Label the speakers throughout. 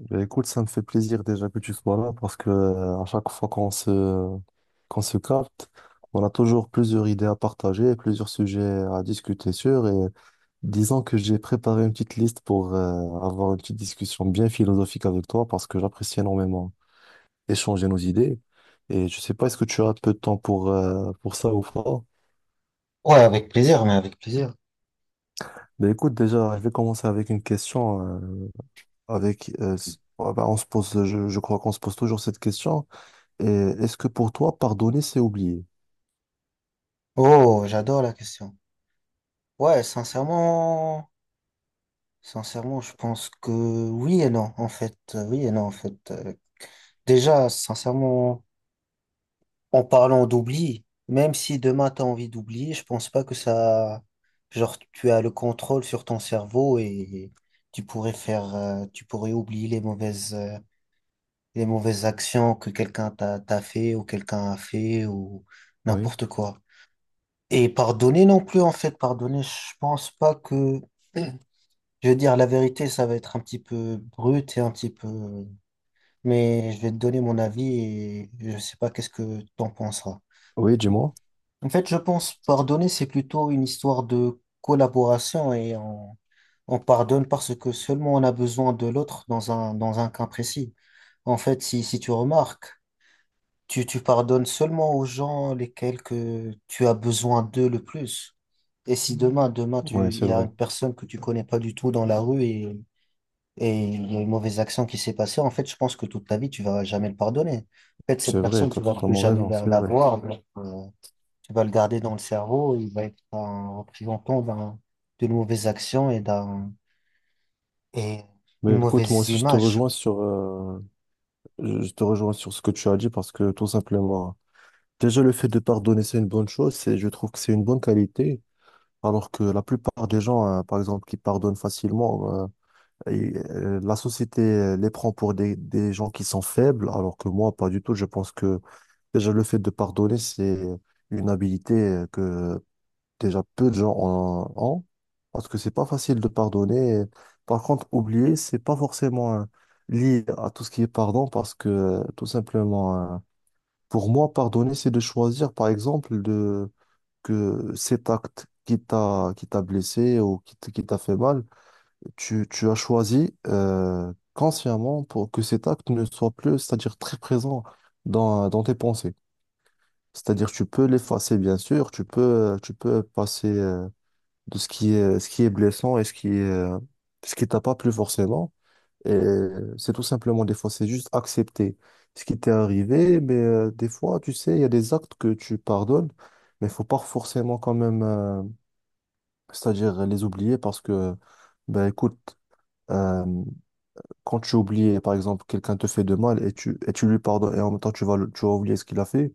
Speaker 1: Ben, écoute, ça me fait plaisir déjà que tu sois là parce que à chaque fois qu'on se capte, on a toujours plusieurs idées à partager, plusieurs sujets à discuter sur. Et disons que j'ai préparé une petite liste pour avoir une petite discussion bien philosophique avec toi parce que j'apprécie énormément échanger nos idées. Et je sais pas, est-ce que tu as un peu de temps pour ça ou pas?
Speaker 2: Ouais, avec plaisir, mais avec plaisir.
Speaker 1: Ben écoute, déjà, je vais commencer avec une question avec ben, on se pose, je crois qu'on se pose toujours cette question. Et est-ce que pour toi, pardonner, c'est oublier?
Speaker 2: Oh, j'adore la question. Ouais, sincèrement, sincèrement, je pense que oui et non, en fait. Oui et non, en fait. Déjà, sincèrement, en parlant d'oubli, même si demain t'as envie d'oublier, je pense pas que ça, genre, tu as le contrôle sur ton cerveau et tu pourrais faire, tu pourrais oublier les mauvaises actions que quelqu'un t'a fait ou quelqu'un a fait ou
Speaker 1: Oui,
Speaker 2: n'importe quoi. Et pardonner non plus, en fait, pardonner, je pense pas que... Je veux dire, la vérité, ça va être un petit peu brut et un petit peu... Mais je vais te donner mon avis et je sais pas qu'est-ce que t'en penseras.
Speaker 1: oui, dis-moi.
Speaker 2: En fait, je pense pardonner, c'est plutôt une histoire de collaboration et on pardonne parce que seulement on a besoin de l'autre dans un cas précis. En fait, si tu remarques, tu pardonnes seulement aux gens lesquels que tu as besoin d'eux le plus. Et si demain,
Speaker 1: Oui,
Speaker 2: il
Speaker 1: c'est
Speaker 2: y a
Speaker 1: vrai.
Speaker 2: une personne que tu connais pas du tout dans la rue et il y a une mauvaise action qui s'est passée, en fait, je pense que toute ta vie, tu vas jamais le pardonner. En fait,
Speaker 1: C'est
Speaker 2: cette
Speaker 1: vrai,
Speaker 2: personne,
Speaker 1: tu as
Speaker 2: tu vas plus
Speaker 1: totalement
Speaker 2: jamais
Speaker 1: raison,
Speaker 2: la,
Speaker 1: c'est
Speaker 2: la
Speaker 1: vrai.
Speaker 2: voir. Donc, tu vas le garder dans le cerveau. Il va être un représentant d'un, d'une mauvaise action et d'un, et une
Speaker 1: Mais écoute, moi
Speaker 2: mauvaise
Speaker 1: aussi, je te
Speaker 2: image.
Speaker 1: rejoins je te rejoins sur ce que tu as dit parce que tout simplement, déjà le fait de pardonner, c'est une bonne chose. C'est, je trouve que c'est une bonne qualité. Alors que la plupart des gens, par exemple, qui pardonnent facilement, euh. La société les prend pour des gens qui sont faibles, alors que moi, pas du tout. Je pense que déjà le fait de pardonner, c'est une habilité que déjà peu de gens ont, parce que c'est pas facile de pardonner. Par contre, oublier, c'est pas forcément lié à tout ce qui est pardon, parce que tout simplement, pour moi, pardonner, c'est de choisir, par exemple, de que cet acte qui t'a blessé ou qui qui t'a fait mal, tu as choisi consciemment pour que cet acte ne soit plus, c'est-à-dire très présent dans, dans tes pensées. C'est-à-dire tu peux l'effacer, bien sûr, tu peux passer de ce qui est blessant et ce qui est, ce qui t'a pas plu forcément. Et c'est tout simplement des fois, c'est juste accepter ce qui t'est arrivé, mais des fois, tu sais, il y a des actes que tu pardonnes, mais il faut pas forcément quand même, c'est-à-dire les oublier parce que, ben écoute, euh, quand tu oublies, par exemple, quelqu'un te fait de mal et tu lui pardonnes et en même temps tu vas, tu vas oublier ce qu'il a fait,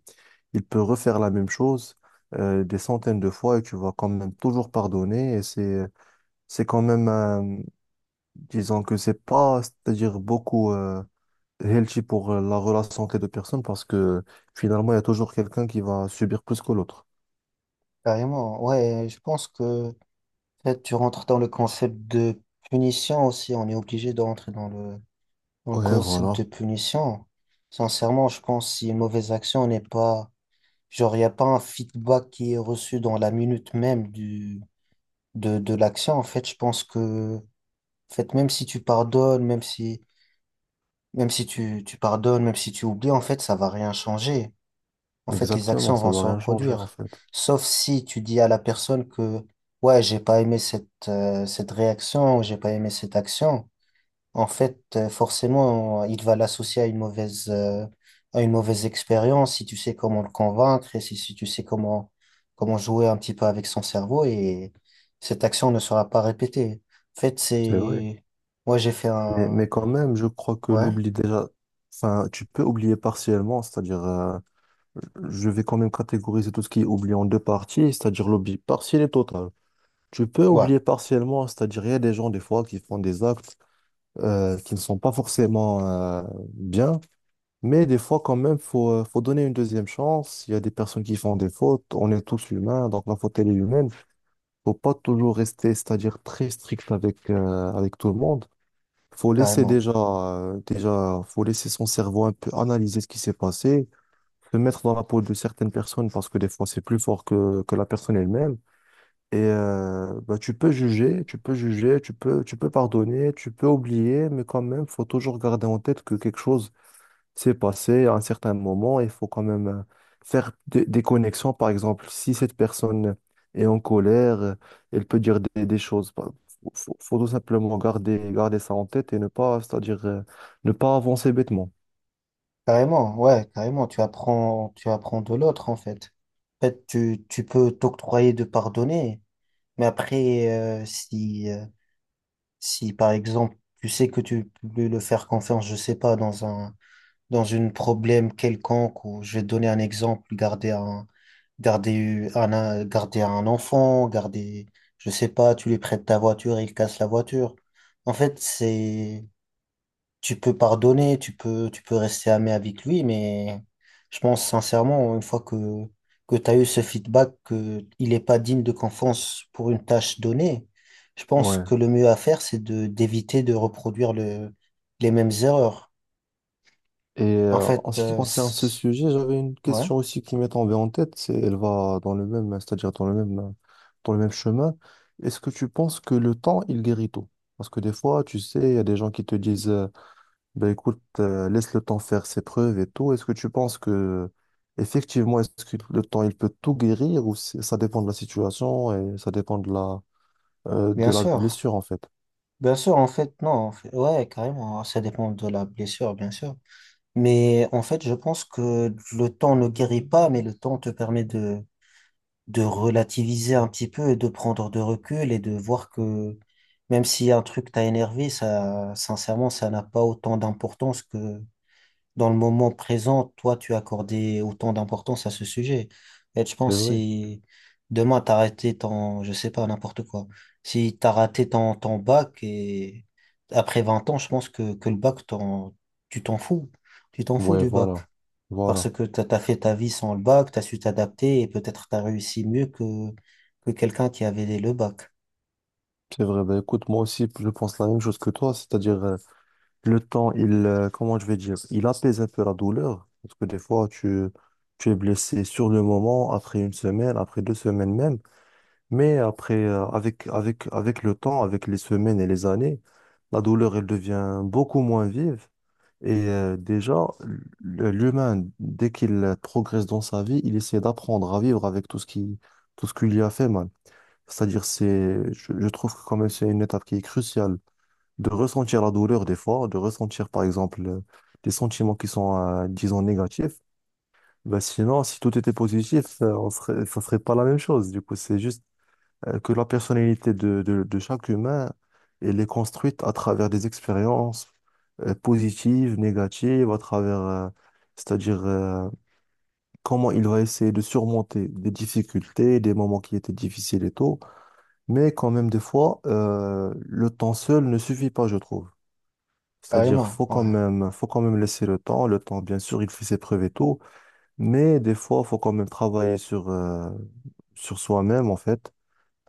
Speaker 1: il peut refaire la même chose des centaines de fois et tu vas quand même toujours pardonner. Et c'est quand même, un- disons que c'est pas, c'est-à-dire beaucoup healthy pour la relation entre les deux personnes parce que finalement, il y a toujours quelqu'un qui va subir plus que l'autre.
Speaker 2: Carrément. Ouais, je pense que en fait, tu rentres dans le concept de punition aussi. On est obligé de rentrer dans le
Speaker 1: Ouais,
Speaker 2: concept de
Speaker 1: voilà.
Speaker 2: punition. Sincèrement, je pense que si une mauvaise action n'est pas, genre, il n'y a pas un feedback qui est reçu dans la minute même du, de l'action. En fait, je pense que, en fait, même si tu pardonnes, même si tu, tu pardonnes, même si tu oublies, en fait, ça va rien changer. En fait, les
Speaker 1: Exactement,
Speaker 2: actions
Speaker 1: ça
Speaker 2: vont
Speaker 1: va
Speaker 2: se
Speaker 1: rien changer en
Speaker 2: reproduire.
Speaker 1: fait.
Speaker 2: Sauf si tu dis à la personne que, ouais, j'ai pas aimé cette, cette réaction ou j'ai pas aimé cette action. En fait, forcément, il va l'associer à une mauvaise expérience si tu sais comment le convaincre et si tu sais comment, comment jouer un petit peu avec son cerveau et cette action ne sera pas répétée. En fait,
Speaker 1: C'est vrai.
Speaker 2: c'est, moi, j'ai fait un,
Speaker 1: Mais quand même, je crois que
Speaker 2: ouais,
Speaker 1: l'oubli déjà, enfin, tu peux oublier partiellement, c'est-à-dire, je vais quand même catégoriser tout ce qui est oubli en deux parties, c'est-à-dire l'oubli partiel et total. Tu peux
Speaker 2: ouais,
Speaker 1: oublier partiellement, c'est-à-dire, il y a des gens, des fois, qui font des actes qui ne sont pas forcément euh, bien, mais des fois, quand même, faut, faut donner une deuxième chance. Il y a des personnes qui font des fautes, on est tous humains, donc la faute, elle est humaine. Faut pas toujours rester, c'est-à-dire, très strict avec, avec tout le monde. Faut laisser
Speaker 2: carrément.
Speaker 1: déjà, déjà, faut laisser son cerveau un peu analyser ce qui s'est passé, se mettre dans la peau de certaines personnes parce que des fois c'est plus fort que la personne elle-même. Et bah, tu peux juger, tu peux juger, tu peux pardonner, tu peux oublier, mais quand même, faut toujours garder en tête que quelque chose c'est passé à un certain moment, il faut quand même faire des connexions. Par exemple, si cette personne est en colère, elle peut dire des choses. Il faut, faut tout simplement garder, garder ça en tête et ne pas, c'est-à-dire, ne pas avancer bêtement.
Speaker 2: Carrément, ouais, carrément, tu apprends de l'autre en fait. En fait, tu peux t'octroyer de pardonner, mais après, si, si par exemple, tu sais que tu peux le faire confiance, je sais pas, dans un, dans une problème quelconque, ou je vais te donner un exemple, garder un, garder un, garder un enfant, garder, je sais pas, tu lui prêtes ta voiture, il casse la voiture. En fait, c'est, tu peux pardonner, tu peux rester ami avec lui, mais je pense sincèrement, une fois que tu as eu ce feedback, qu'il n'est pas digne de confiance pour une tâche donnée, je pense
Speaker 1: Ouais.
Speaker 2: que le mieux à faire, c'est de, d'éviter de reproduire le, les mêmes erreurs.
Speaker 1: Et
Speaker 2: En
Speaker 1: en
Speaker 2: fait,
Speaker 1: ce qui concerne ce sujet, j'avais une
Speaker 2: ouais,
Speaker 1: question aussi qui m'est tombée en tête. C'est, elle va dans le même, c'est-à-dire dans le même chemin. Est-ce que tu penses que le temps, il guérit tout? Parce que des fois, tu sais, il y a des gens qui te disent ben écoute, laisse le temps faire ses preuves et tout. Est-ce que tu penses que, effectivement, est-ce que le temps, il peut tout guérir ou ça dépend de la situation et ça dépend
Speaker 2: bien
Speaker 1: de la
Speaker 2: sûr.
Speaker 1: blessure, en fait?
Speaker 2: Bien sûr, en fait, non, en fait, ouais, carrément, hein, ça dépend de la blessure, bien sûr. Mais en fait, je pense que le temps ne guérit pas, mais le temps te permet de relativiser un petit peu et de prendre de recul et de voir que même si un truc t'a énervé, ça, sincèrement, ça n'a pas autant d'importance que dans le moment présent, toi, tu accordais autant d'importance à ce sujet. Et je
Speaker 1: C'est
Speaker 2: pense que
Speaker 1: vrai.
Speaker 2: si demain t'as raté ton, je sais pas, n'importe quoi, si t'as raté ton, ton bac et après 20 ans, je pense que le bac, tu t'en fous. Tu t'en fous
Speaker 1: Ouais,
Speaker 2: du bac
Speaker 1: voilà.
Speaker 2: parce
Speaker 1: Voilà.
Speaker 2: que tu as fait ta vie sans le bac, tu as su t'adapter et peut-être tu as réussi mieux que quelqu'un qui avait le bac.
Speaker 1: C'est vrai. Ben écoute, moi aussi, je pense la même chose que toi, c'est-à-dire, le temps, il, comment je vais dire, il apaise un peu la douleur parce que des fois, tu es blessé sur le moment, après une semaine, après deux semaines même. Mais après, avec, avec, avec le temps, avec les semaines et les années, la douleur, elle devient beaucoup moins vive. Et déjà, l'humain, dès qu'il progresse dans sa vie, il essaie d'apprendre à vivre avec tout ce qui lui a fait mal. C'est-à-dire, c'est, je trouve que quand même, c'est une étape qui est cruciale de ressentir la douleur des fois, de ressentir, par exemple, des sentiments qui sont, disons, négatifs. Ben sinon, si tout était positif, on serait, ça serait pas la même chose. Du coup, c'est juste que la personnalité de chaque humain, elle est construite à travers des expériences positives, négatives, à travers, c'est-à-dire comment il va essayer de surmonter des difficultés, des moments qui étaient difficiles et tout. Mais quand même, des fois, le temps seul ne suffit pas, je trouve. C'est-à-dire,
Speaker 2: Carrément, ouais,
Speaker 1: faut quand même laisser le temps. Le temps, bien sûr, il fait ses preuves et tout, mais des fois, faut quand même travailler sur, sur soi-même, en fait,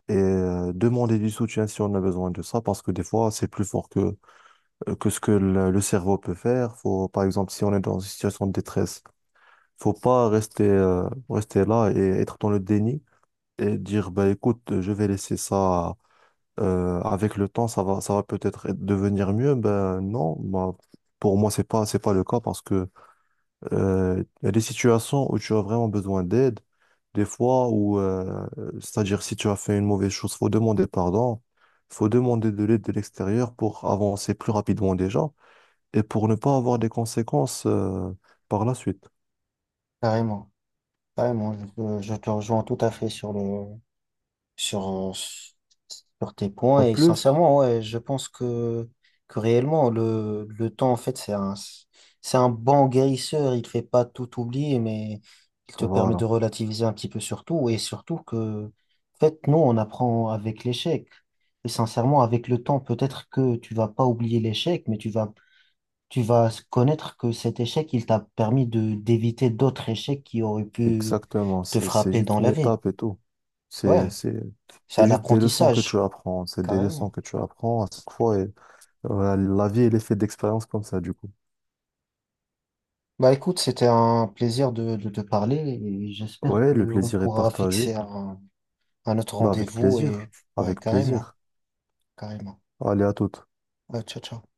Speaker 1: et demander du soutien si on a besoin de ça, parce que des fois, c'est plus fort que ce que le cerveau peut faire. Faut, par exemple, si on est dans une situation de détresse, faut pas rester, rester là et être dans le déni et dire, bah, écoute, je vais laisser ça avec le temps, ça va peut-être devenir mieux. Ben non, bah, pour moi, c'est pas le cas parce que il y a des situations où tu as vraiment besoin d'aide, des fois où, c'est-à-dire si tu as fait une mauvaise chose, faut demander pardon, faut demander de l'aide de l'extérieur pour avancer plus rapidement déjà et pour ne pas avoir des conséquences, par la suite.
Speaker 2: carrément, carrément. Je te rejoins tout à fait sur le, sur, sur tes points.
Speaker 1: En
Speaker 2: Et
Speaker 1: plus,
Speaker 2: sincèrement, ouais, je pense que réellement, le temps, en fait, c'est un bon guérisseur. Il fait pas tout oublier, mais il te permet de
Speaker 1: voilà,
Speaker 2: relativiser un petit peu sur tout. Et surtout que, en fait, nous, on apprend avec l'échec. Et sincèrement, avec le temps, peut-être que tu vas pas oublier l'échec, mais tu vas connaître que cet échec, il t'a permis de, d'éviter d'autres échecs qui auraient pu
Speaker 1: exactement,
Speaker 2: te
Speaker 1: c'est
Speaker 2: frapper
Speaker 1: juste
Speaker 2: dans
Speaker 1: une
Speaker 2: la vie.
Speaker 1: étape et tout. C'est,
Speaker 2: Ouais,
Speaker 1: c'est,
Speaker 2: c'est
Speaker 1: c'est
Speaker 2: un
Speaker 1: juste des leçons que tu
Speaker 2: apprentissage.
Speaker 1: apprends, c'est des leçons
Speaker 2: Carrément.
Speaker 1: que tu apprends à chaque fois et, la vie, elle est faite d'expériences comme ça, du coup.
Speaker 2: Bah écoute, c'était un plaisir de te parler et j'espère
Speaker 1: Ouais, le
Speaker 2: qu'on
Speaker 1: plaisir est
Speaker 2: pourra
Speaker 1: partagé.
Speaker 2: fixer un autre
Speaker 1: Bah avec
Speaker 2: rendez-vous et
Speaker 1: plaisir,
Speaker 2: ouais,
Speaker 1: avec
Speaker 2: carrément,
Speaker 1: plaisir.
Speaker 2: carrément.
Speaker 1: Allez, à toutes.
Speaker 2: Ouais, ciao, ciao.